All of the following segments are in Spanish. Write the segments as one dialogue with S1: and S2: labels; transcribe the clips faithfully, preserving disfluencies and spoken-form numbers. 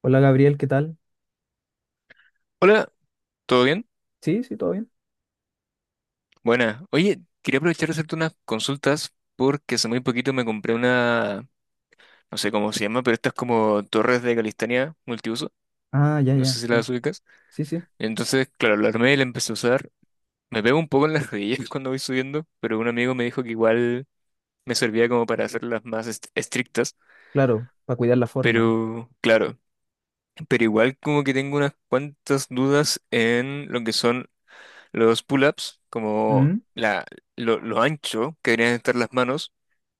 S1: Hola Gabriel, ¿qué tal?
S2: Hola, ¿todo bien?
S1: Sí, sí, todo bien.
S2: Buena. Oye, quería aprovechar de hacerte unas consultas porque hace muy poquito me compré una, no sé cómo se llama, pero estas como torres de calistenia multiuso.
S1: Ah, ya,
S2: No sé
S1: ya.
S2: si
S1: Sí,
S2: las ubicas.
S1: sí, sí,
S2: Entonces, claro, la armé y la empecé a usar. Me pego un poco en las rodillas cuando voy subiendo, pero un amigo me dijo que igual me servía como para hacerlas más est- estrictas.
S1: claro, para cuidar la forma.
S2: Pero, claro, pero igual como que tengo unas cuantas dudas en lo que son los pull-ups, como
S1: Mm,
S2: la, lo, lo ancho que deberían estar las manos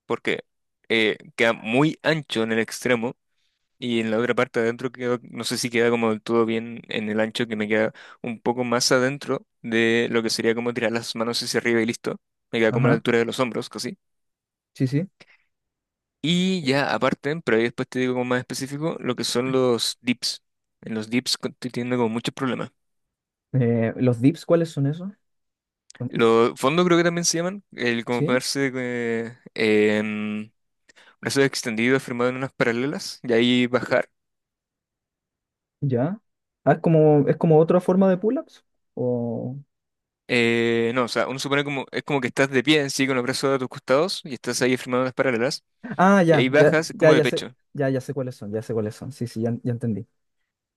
S2: porque eh, queda muy ancho en el extremo y en la otra parte adentro queda, no sé si queda como del todo bien en el ancho, que me queda un poco más adentro de lo que sería como tirar las manos hacia arriba y listo. Me queda como a la
S1: ajá,
S2: altura de los hombros, casi.
S1: sí, sí.
S2: Y ya aparte, pero ahí después te digo como más específico, lo que son los dips. En los dips co- estoy teniendo como muchos problemas.
S1: Eh, ¿los dips cuáles son esos? Mm,
S2: Los fondos creo que también se llaman, el como
S1: sí,
S2: ponerse eh, en brazos extendidos, firmado en unas paralelas y ahí bajar.
S1: ya. Ah, es como, es como otra forma de pull-ups. O...
S2: Eh, no, o sea, uno supone como, es como que estás de pie en sí con los brazos a tus costados y estás ahí firmando las paralelas
S1: Ah,
S2: y
S1: ya,
S2: ahí
S1: ya,
S2: bajas
S1: ya,
S2: como de
S1: ya sé,
S2: pecho,
S1: ya, ya sé cuáles son, ya sé cuáles son. Sí, sí, ya, ya entendí.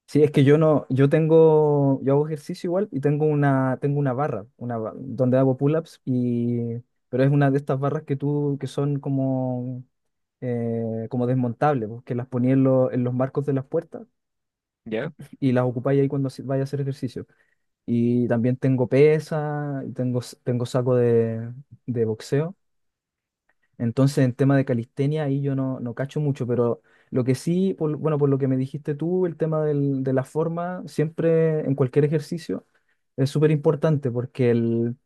S1: Sí, es que yo no, yo tengo, yo hago ejercicio igual y tengo una, tengo una barra, una ba- donde hago pull-ups y, pero es una de estas barras que tú, que son como, eh, como desmontables, pues, que las ponía en, lo- en los marcos de las puertas
S2: ¿ya?
S1: y las ocupáis ahí cuando hace- vaya a hacer ejercicio. Y también tengo pesa, y tengo, s- tengo saco de, de boxeo. Entonces, en tema de calistenia, ahí yo no, no cacho mucho, pero lo que sí, por- bueno, por lo que me dijiste tú, el tema del- de la forma, siempre en cualquier ejercicio, es súper importante porque el,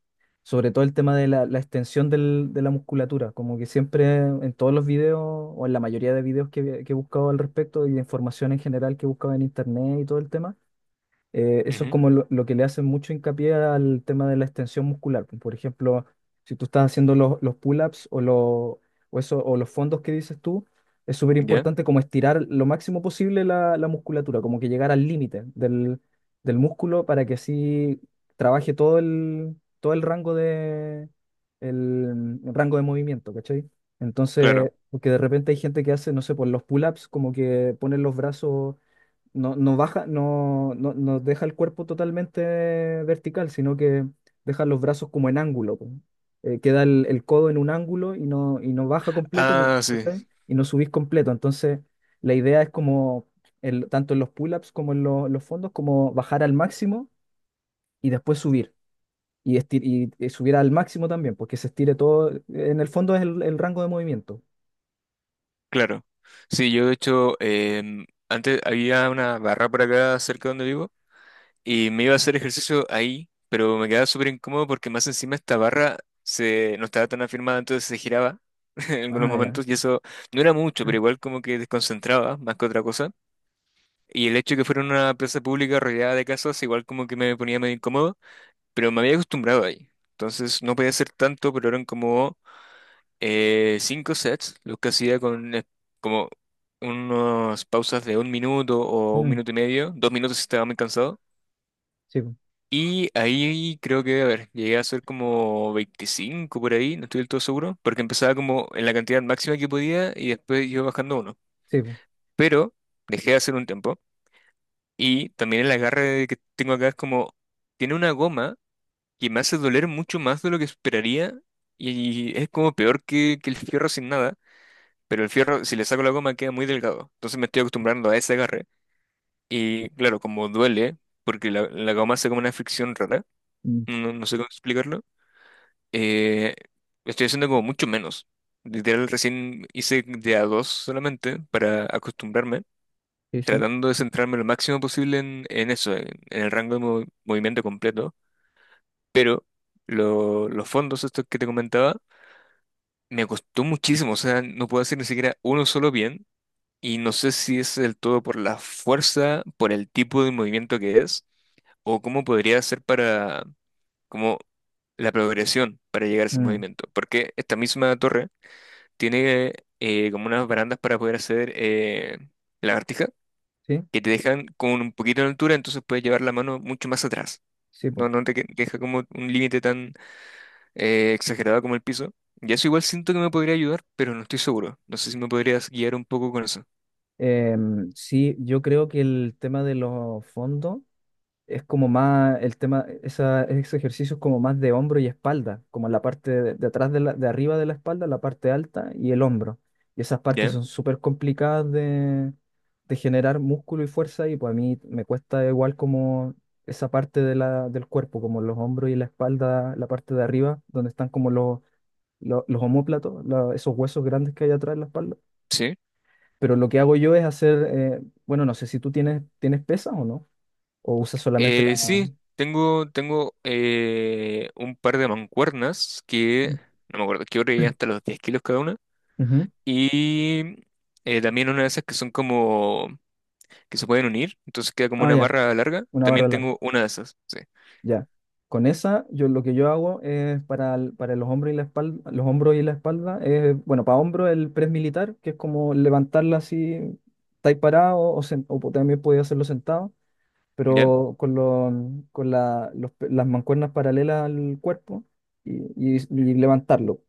S1: sobre todo el tema de la, la extensión del- de la musculatura, como que siempre en todos los videos o en la mayoría de videos que, que he buscado al respecto y de información en general que he buscado en internet y todo el tema, eh, eso es
S2: Ujú.
S1: como lo, lo que le hacen mucho hincapié al tema de la extensión muscular, pues. Por ejemplo, si tú estás haciendo los, los, pull-ups o, lo- o, eso, o los fondos que dices tú, es súper
S2: ¿Ya?
S1: importante como estirar lo máximo posible la, la musculatura, como que llegar al límite del, del músculo para que así trabaje todo el, todo el rango de, el, rango de movimiento, ¿cachai? Entonces,
S2: Claro.
S1: porque de repente hay gente que hace, no sé, por los pull-ups, como que ponen los brazos no, no baja, no, no, no deja el cuerpo totalmente vertical, sino que deja los brazos como en ángulo, po. Eh, queda el, el, codo en un ángulo y no, y no baja completo ni,
S2: Ah, sí,
S1: ¿cachai? Y no subís completo. Entonces, la idea es como, el, tanto en los pull-ups como en lo- los fondos, como bajar al máximo y después subir. Y, estir- y, y subir al máximo también, porque se estire todo. En el fondo es el, el rango de movimiento.
S2: claro. Sí, yo de hecho, em, antes había una barra por acá cerca donde vivo y me iba a hacer ejercicio ahí, pero me quedaba súper incómodo porque más encima esta barra se, no estaba tan afirmada, entonces se giraba en algunos
S1: Ah, ya.
S2: momentos y eso no era mucho, pero igual como que desconcentraba más que otra cosa. Y el hecho de que fuera una plaza pública rodeada de casas, igual como que me ponía medio incómodo, pero me había acostumbrado ahí. Entonces no podía hacer tanto, pero eran como eh, cinco sets, los que hacía con eh, como unas pausas de un minuto o un
S1: Mm,
S2: minuto y medio, dos minutos si estaba muy cansado.
S1: sí, po,
S2: Y ahí creo que, a ver, llegué a hacer como veinticinco por ahí, no estoy del todo seguro, porque empezaba como en la cantidad máxima que podía y después iba bajando uno.
S1: sí, po.
S2: Pero dejé de hacer un tiempo. Y también el agarre que tengo acá es como, tiene una goma que me hace doler mucho más de lo que esperaría y es como peor que, que el fierro sin nada, pero el fierro si le saco la goma queda muy delgado, entonces me estoy acostumbrando a ese agarre y claro, como duele, porque la, la goma hace como una fricción rara,
S1: Mm,
S2: no, no sé cómo explicarlo, eh, estoy haciendo como mucho menos. Literal, recién hice de a dos solamente para acostumbrarme.
S1: sí, sí.
S2: Tratando de centrarme lo máximo posible en, en eso, en, en el rango de mov- movimiento completo, pero lo- los fondos estos que te comentaba me costó muchísimo, o sea, no puedo hacer ni siquiera uno solo bien y no sé si es del todo por la fuerza, por el tipo de movimiento que es o cómo podría ser para como la progresión para llegar a ese
S1: Mm,
S2: movimiento, porque esta misma torre tiene eh, como unas barandas para poder hacer eh, lagartijas
S1: sí,
S2: que te dejan con un poquito de altura, entonces puedes llevar la mano mucho más atrás.
S1: sí, po.
S2: No, no te que- deja como un límite tan eh, exagerado como el piso. Y eso igual siento que me podría ayudar, pero no estoy seguro. No sé si me podrías guiar un poco con eso.
S1: Em, sí, yo creo que el tema de los fondos es como más, el tema, esa- ese ejercicio es como más de hombro y espalda, como la parte de, de atrás de, la, de arriba de la espalda, la parte alta y el hombro. Y esas partes
S2: ¿Ya?
S1: son súper complicadas de, de generar músculo y fuerza, y pues a mí me cuesta igual como esa parte de la, del cuerpo, como los hombros y la espalda, la parte de arriba, donde están como los, los, los omóplatos, la- esos huesos grandes que hay atrás de la espalda.
S2: Sí.
S1: Pero lo que hago yo es hacer, eh, bueno, no sé si tú tienes, tienes pesas o no, o usas solamente la...
S2: Eh, sí, tengo, tengo eh, un par de mancuernas que no me acuerdo qué hora llegan hasta los diez kilos cada una.
S1: Ujú.
S2: Y eh, también una de esas que son como que se pueden unir, entonces queda como
S1: Ah,
S2: una
S1: ya,
S2: barra larga.
S1: una barra
S2: También
S1: larga,
S2: tengo una de esas. Sí.
S1: ya. Con esa, yo lo que yo hago es para, el- para los hombros y la espalda, los hombros y la espalda, es, bueno, para hombros el press militar, que es como levantarla así, estáis parado, o, sen- o po- también podéis hacerlo sentado,
S2: Ya.
S1: pero con, lo con la- los pe- las mancuernas paralelas al cuerpo y, y y levantarlo.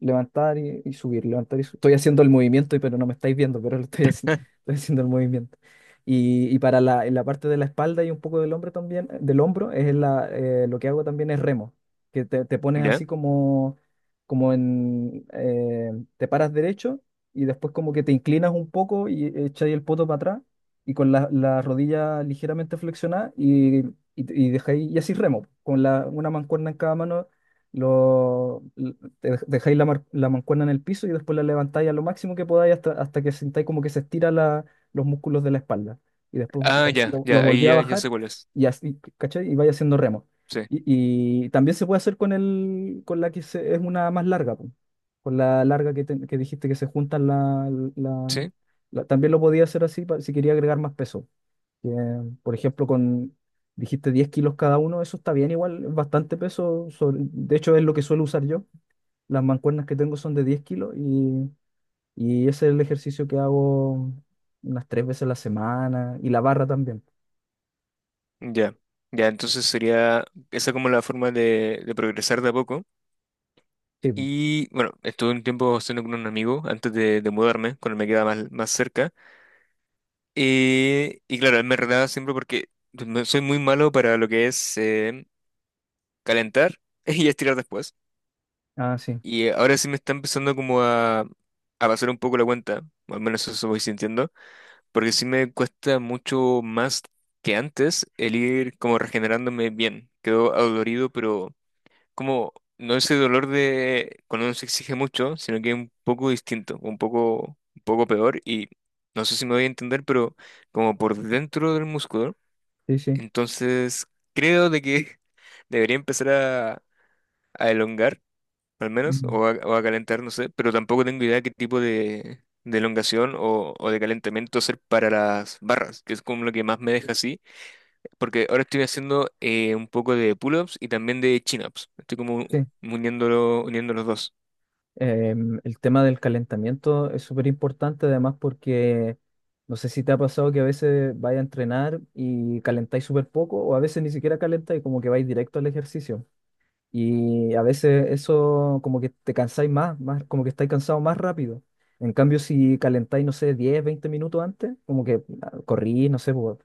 S1: Levantar y, y subir, levantar y subir. Estoy haciendo el movimiento, pero no me estáis viendo, pero lo estoy haciendo, estoy haciendo el movimiento. Y, y para la, en la parte de la espalda y un poco del hombro también, del hombro, es la, eh, lo que hago también es remo, que te, te pones
S2: ¿Ya?
S1: así como, como en, eh, te paras derecho y después como que te inclinas un poco y echáis el poto para atrás y con la, la rodilla ligeramente flexionada y, y, y dejáis, y así remo, con la, una mancuerna en cada mano lo, te dej- dejáis la, mar- la mancuerna en el piso y después la levantáis a lo máximo que podáis hasta, hasta que sintáis como que se estira la- los músculos de la espalda. Y después los
S2: Ah,
S1: lo,
S2: ya,
S1: lo- lo
S2: ya,
S1: volví
S2: ahí
S1: a
S2: ya, ya
S1: bajar
S2: sé cuál es.
S1: y así, ¿cachai? Y vais haciendo remo.
S2: Sí,
S1: Y, y también se puede hacer con el, con la que se- es una más larga, po. Con la larga que, te- que dijiste que se juntan la, la-
S2: sí,
S1: la- también lo podía hacer así pa- si quería agregar más peso. Que, por ejemplo, con, dijiste diez kilos cada uno, eso está bien igual, es bastante peso. Sobre- de hecho, es lo que suelo usar yo. Las mancuernas que tengo son de diez kilos y, y ese es el ejercicio que hago unas tres veces a la semana y la barra también.
S2: ya. Ya, entonces sería esa como la forma de, de progresar de a poco.
S1: Sí, po.
S2: Y bueno, estuve un tiempo haciendo con un amigo antes de, de mudarme, cuando me quedaba más, más cerca. Eh, y claro, él me retaba siempre porque me- soy muy malo para lo que es eh, calentar y estirar después.
S1: Ah, sí,
S2: Y ahora sí me está empezando como a, a pasar un poco la cuenta, o al menos eso voy sintiendo porque sí me cuesta mucho más que antes el ir como regenerándome bien. Quedo adolorido, pero como no ese dolor de cuando uno se exige mucho, sino que es un poco distinto, un poco, un poco peor y no sé si me voy a entender, pero como por dentro del músculo.
S1: sí, sí.
S2: Entonces creo de que debería empezar a, a elongar al menos,
S1: Mm,
S2: o a, o a calentar, no sé, pero tampoco tengo idea qué tipo de, de elongación o, o de calentamiento hacer para las barras, que es como lo que más me deja así, porque ahora estoy haciendo eh, un poco de pull-ups y también de chin-ups, estoy como
S1: sí.
S2: uniéndolo, uniendo los dos.
S1: Em, el tema del calentamiento es súper importante además porque no sé si te ha pasado que a veces vais a entrenar y calentáis súper poco o a veces ni siquiera calentáis, como que vais directo al ejercicio. Y a veces eso como que te cansáis más, más, como que estáis cansados más rápido. En cambio, si calentáis, no sé, diez, veinte minutos antes, como que ah, corrís, no sé, pues,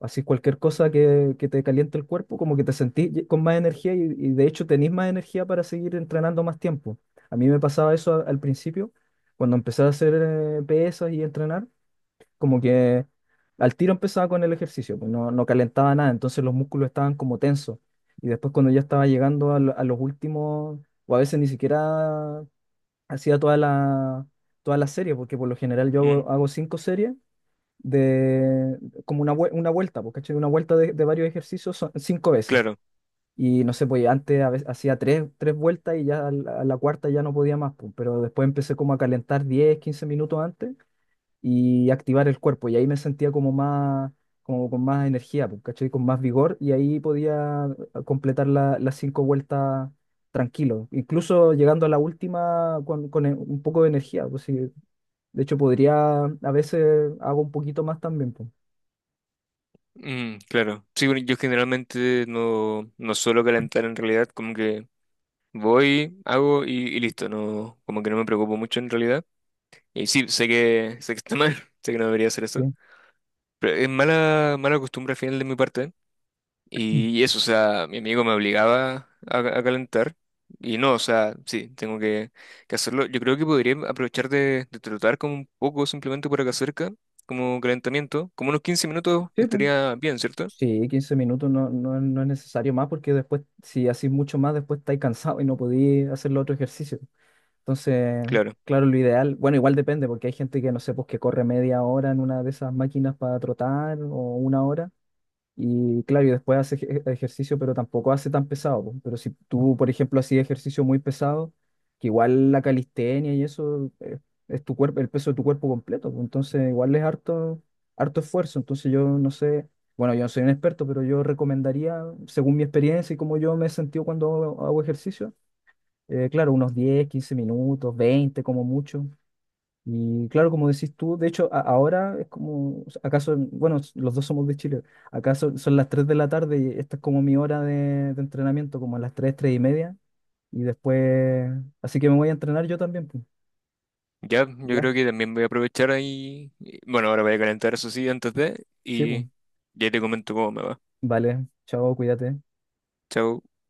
S1: así cualquier cosa que, que te caliente el cuerpo, como que te sentís ye- con más energía y, y de hecho tenís más energía para seguir entrenando más tiempo. A mí me pasaba eso a- al principio, cuando empecé a hacer eh, pesas y entrenar, como que al tiro empezaba con el ejercicio, pues no, no calentaba nada, entonces los músculos estaban como tensos. Y después cuando ya estaba llegando a, lo- a los últimos, o a veces ni siquiera hacía toda la, toda la serie, porque por lo general yo
S2: Mm,
S1: hago, hago cinco series de como una, vue- una vuelta, pues, ¿cachai? Una vuelta de, de varios ejercicios son cinco veces.
S2: claro,
S1: Y no sé, pues antes a veces hacía tres, tres vueltas y ya a la, a la cuarta ya no podía más, pues, pero después empecé como a calentar diez, quince minutos antes y activar el cuerpo. Y ahí me sentía como más, como con más energía, pues, ¿cachai? Con más vigor y ahí podía eh, completar la- las cinco vueltas tranquilo. Incluso llegando a la última con, con e- un poco de energía, pues sí. De hecho, podría, a veces hago un poquito más también, pues.
S2: mm, claro. Sí, bueno, yo generalmente no, no suelo calentar en realidad, como que voy, hago y, y listo, no, como que no me preocupo mucho en realidad. Y sí, sé que, sé que está mal, sé que no debería hacer eso.
S1: Sí,
S2: Pero es mala, mala costumbre al final de mi parte.
S1: mm.
S2: Y eso, o sea, mi amigo me obligaba a, a calentar. Y no, o sea, sí, tengo que, que hacerlo. Yo creo que podría aprovechar de, de trotar como un poco simplemente por acá cerca, como calentamiento. Como unos quince minutos
S1: Sí, pues.
S2: estaría bien, ¿cierto?
S1: Sí, quince minutos no, no, no es necesario más porque después, si haces mucho más, después estáis cansado y no podéis hacer los otro ejercicio. Entonces,
S2: Claro.
S1: claro, lo ideal, bueno, igual depende, porque hay gente que no sé, pues que corre media hora en una de esas máquinas para trotar o una hora. Y claro, y después hace ej- ejercicio, pero tampoco hace tan pesado, po. Pero si tú, por ejemplo, hacías ejercicio muy pesado, que igual la calistenia y eso, eh, es, tu cuerpo, el peso de tu cuerpo completo, po. Entonces, igual es harto, harto esfuerzo. Entonces, yo no sé, bueno, yo no soy un experto, pero yo recomendaría, según mi experiencia y como yo me he sentido cuando hago hago ejercicio, eh, claro, unos diez, quince minutos, veinte como mucho. Y claro, como decís tú, de hecho, a- ahora es como, acaso, bueno, s- los dos somos de Chile, acaso son las tres de la tarde y esta es como mi hora de, de entrenamiento, como a las tres, tres y media. Y después, así que me voy a entrenar yo también, pues.
S2: Ya, yo
S1: ¿Ya?
S2: creo que también voy a aprovechar ahí. y- Bueno, ahora voy a calentar, eso sí, antes de.
S1: Sí, pues.
S2: Y ya te comento cómo me va.
S1: Vale, chao, cuídate.
S2: Chao.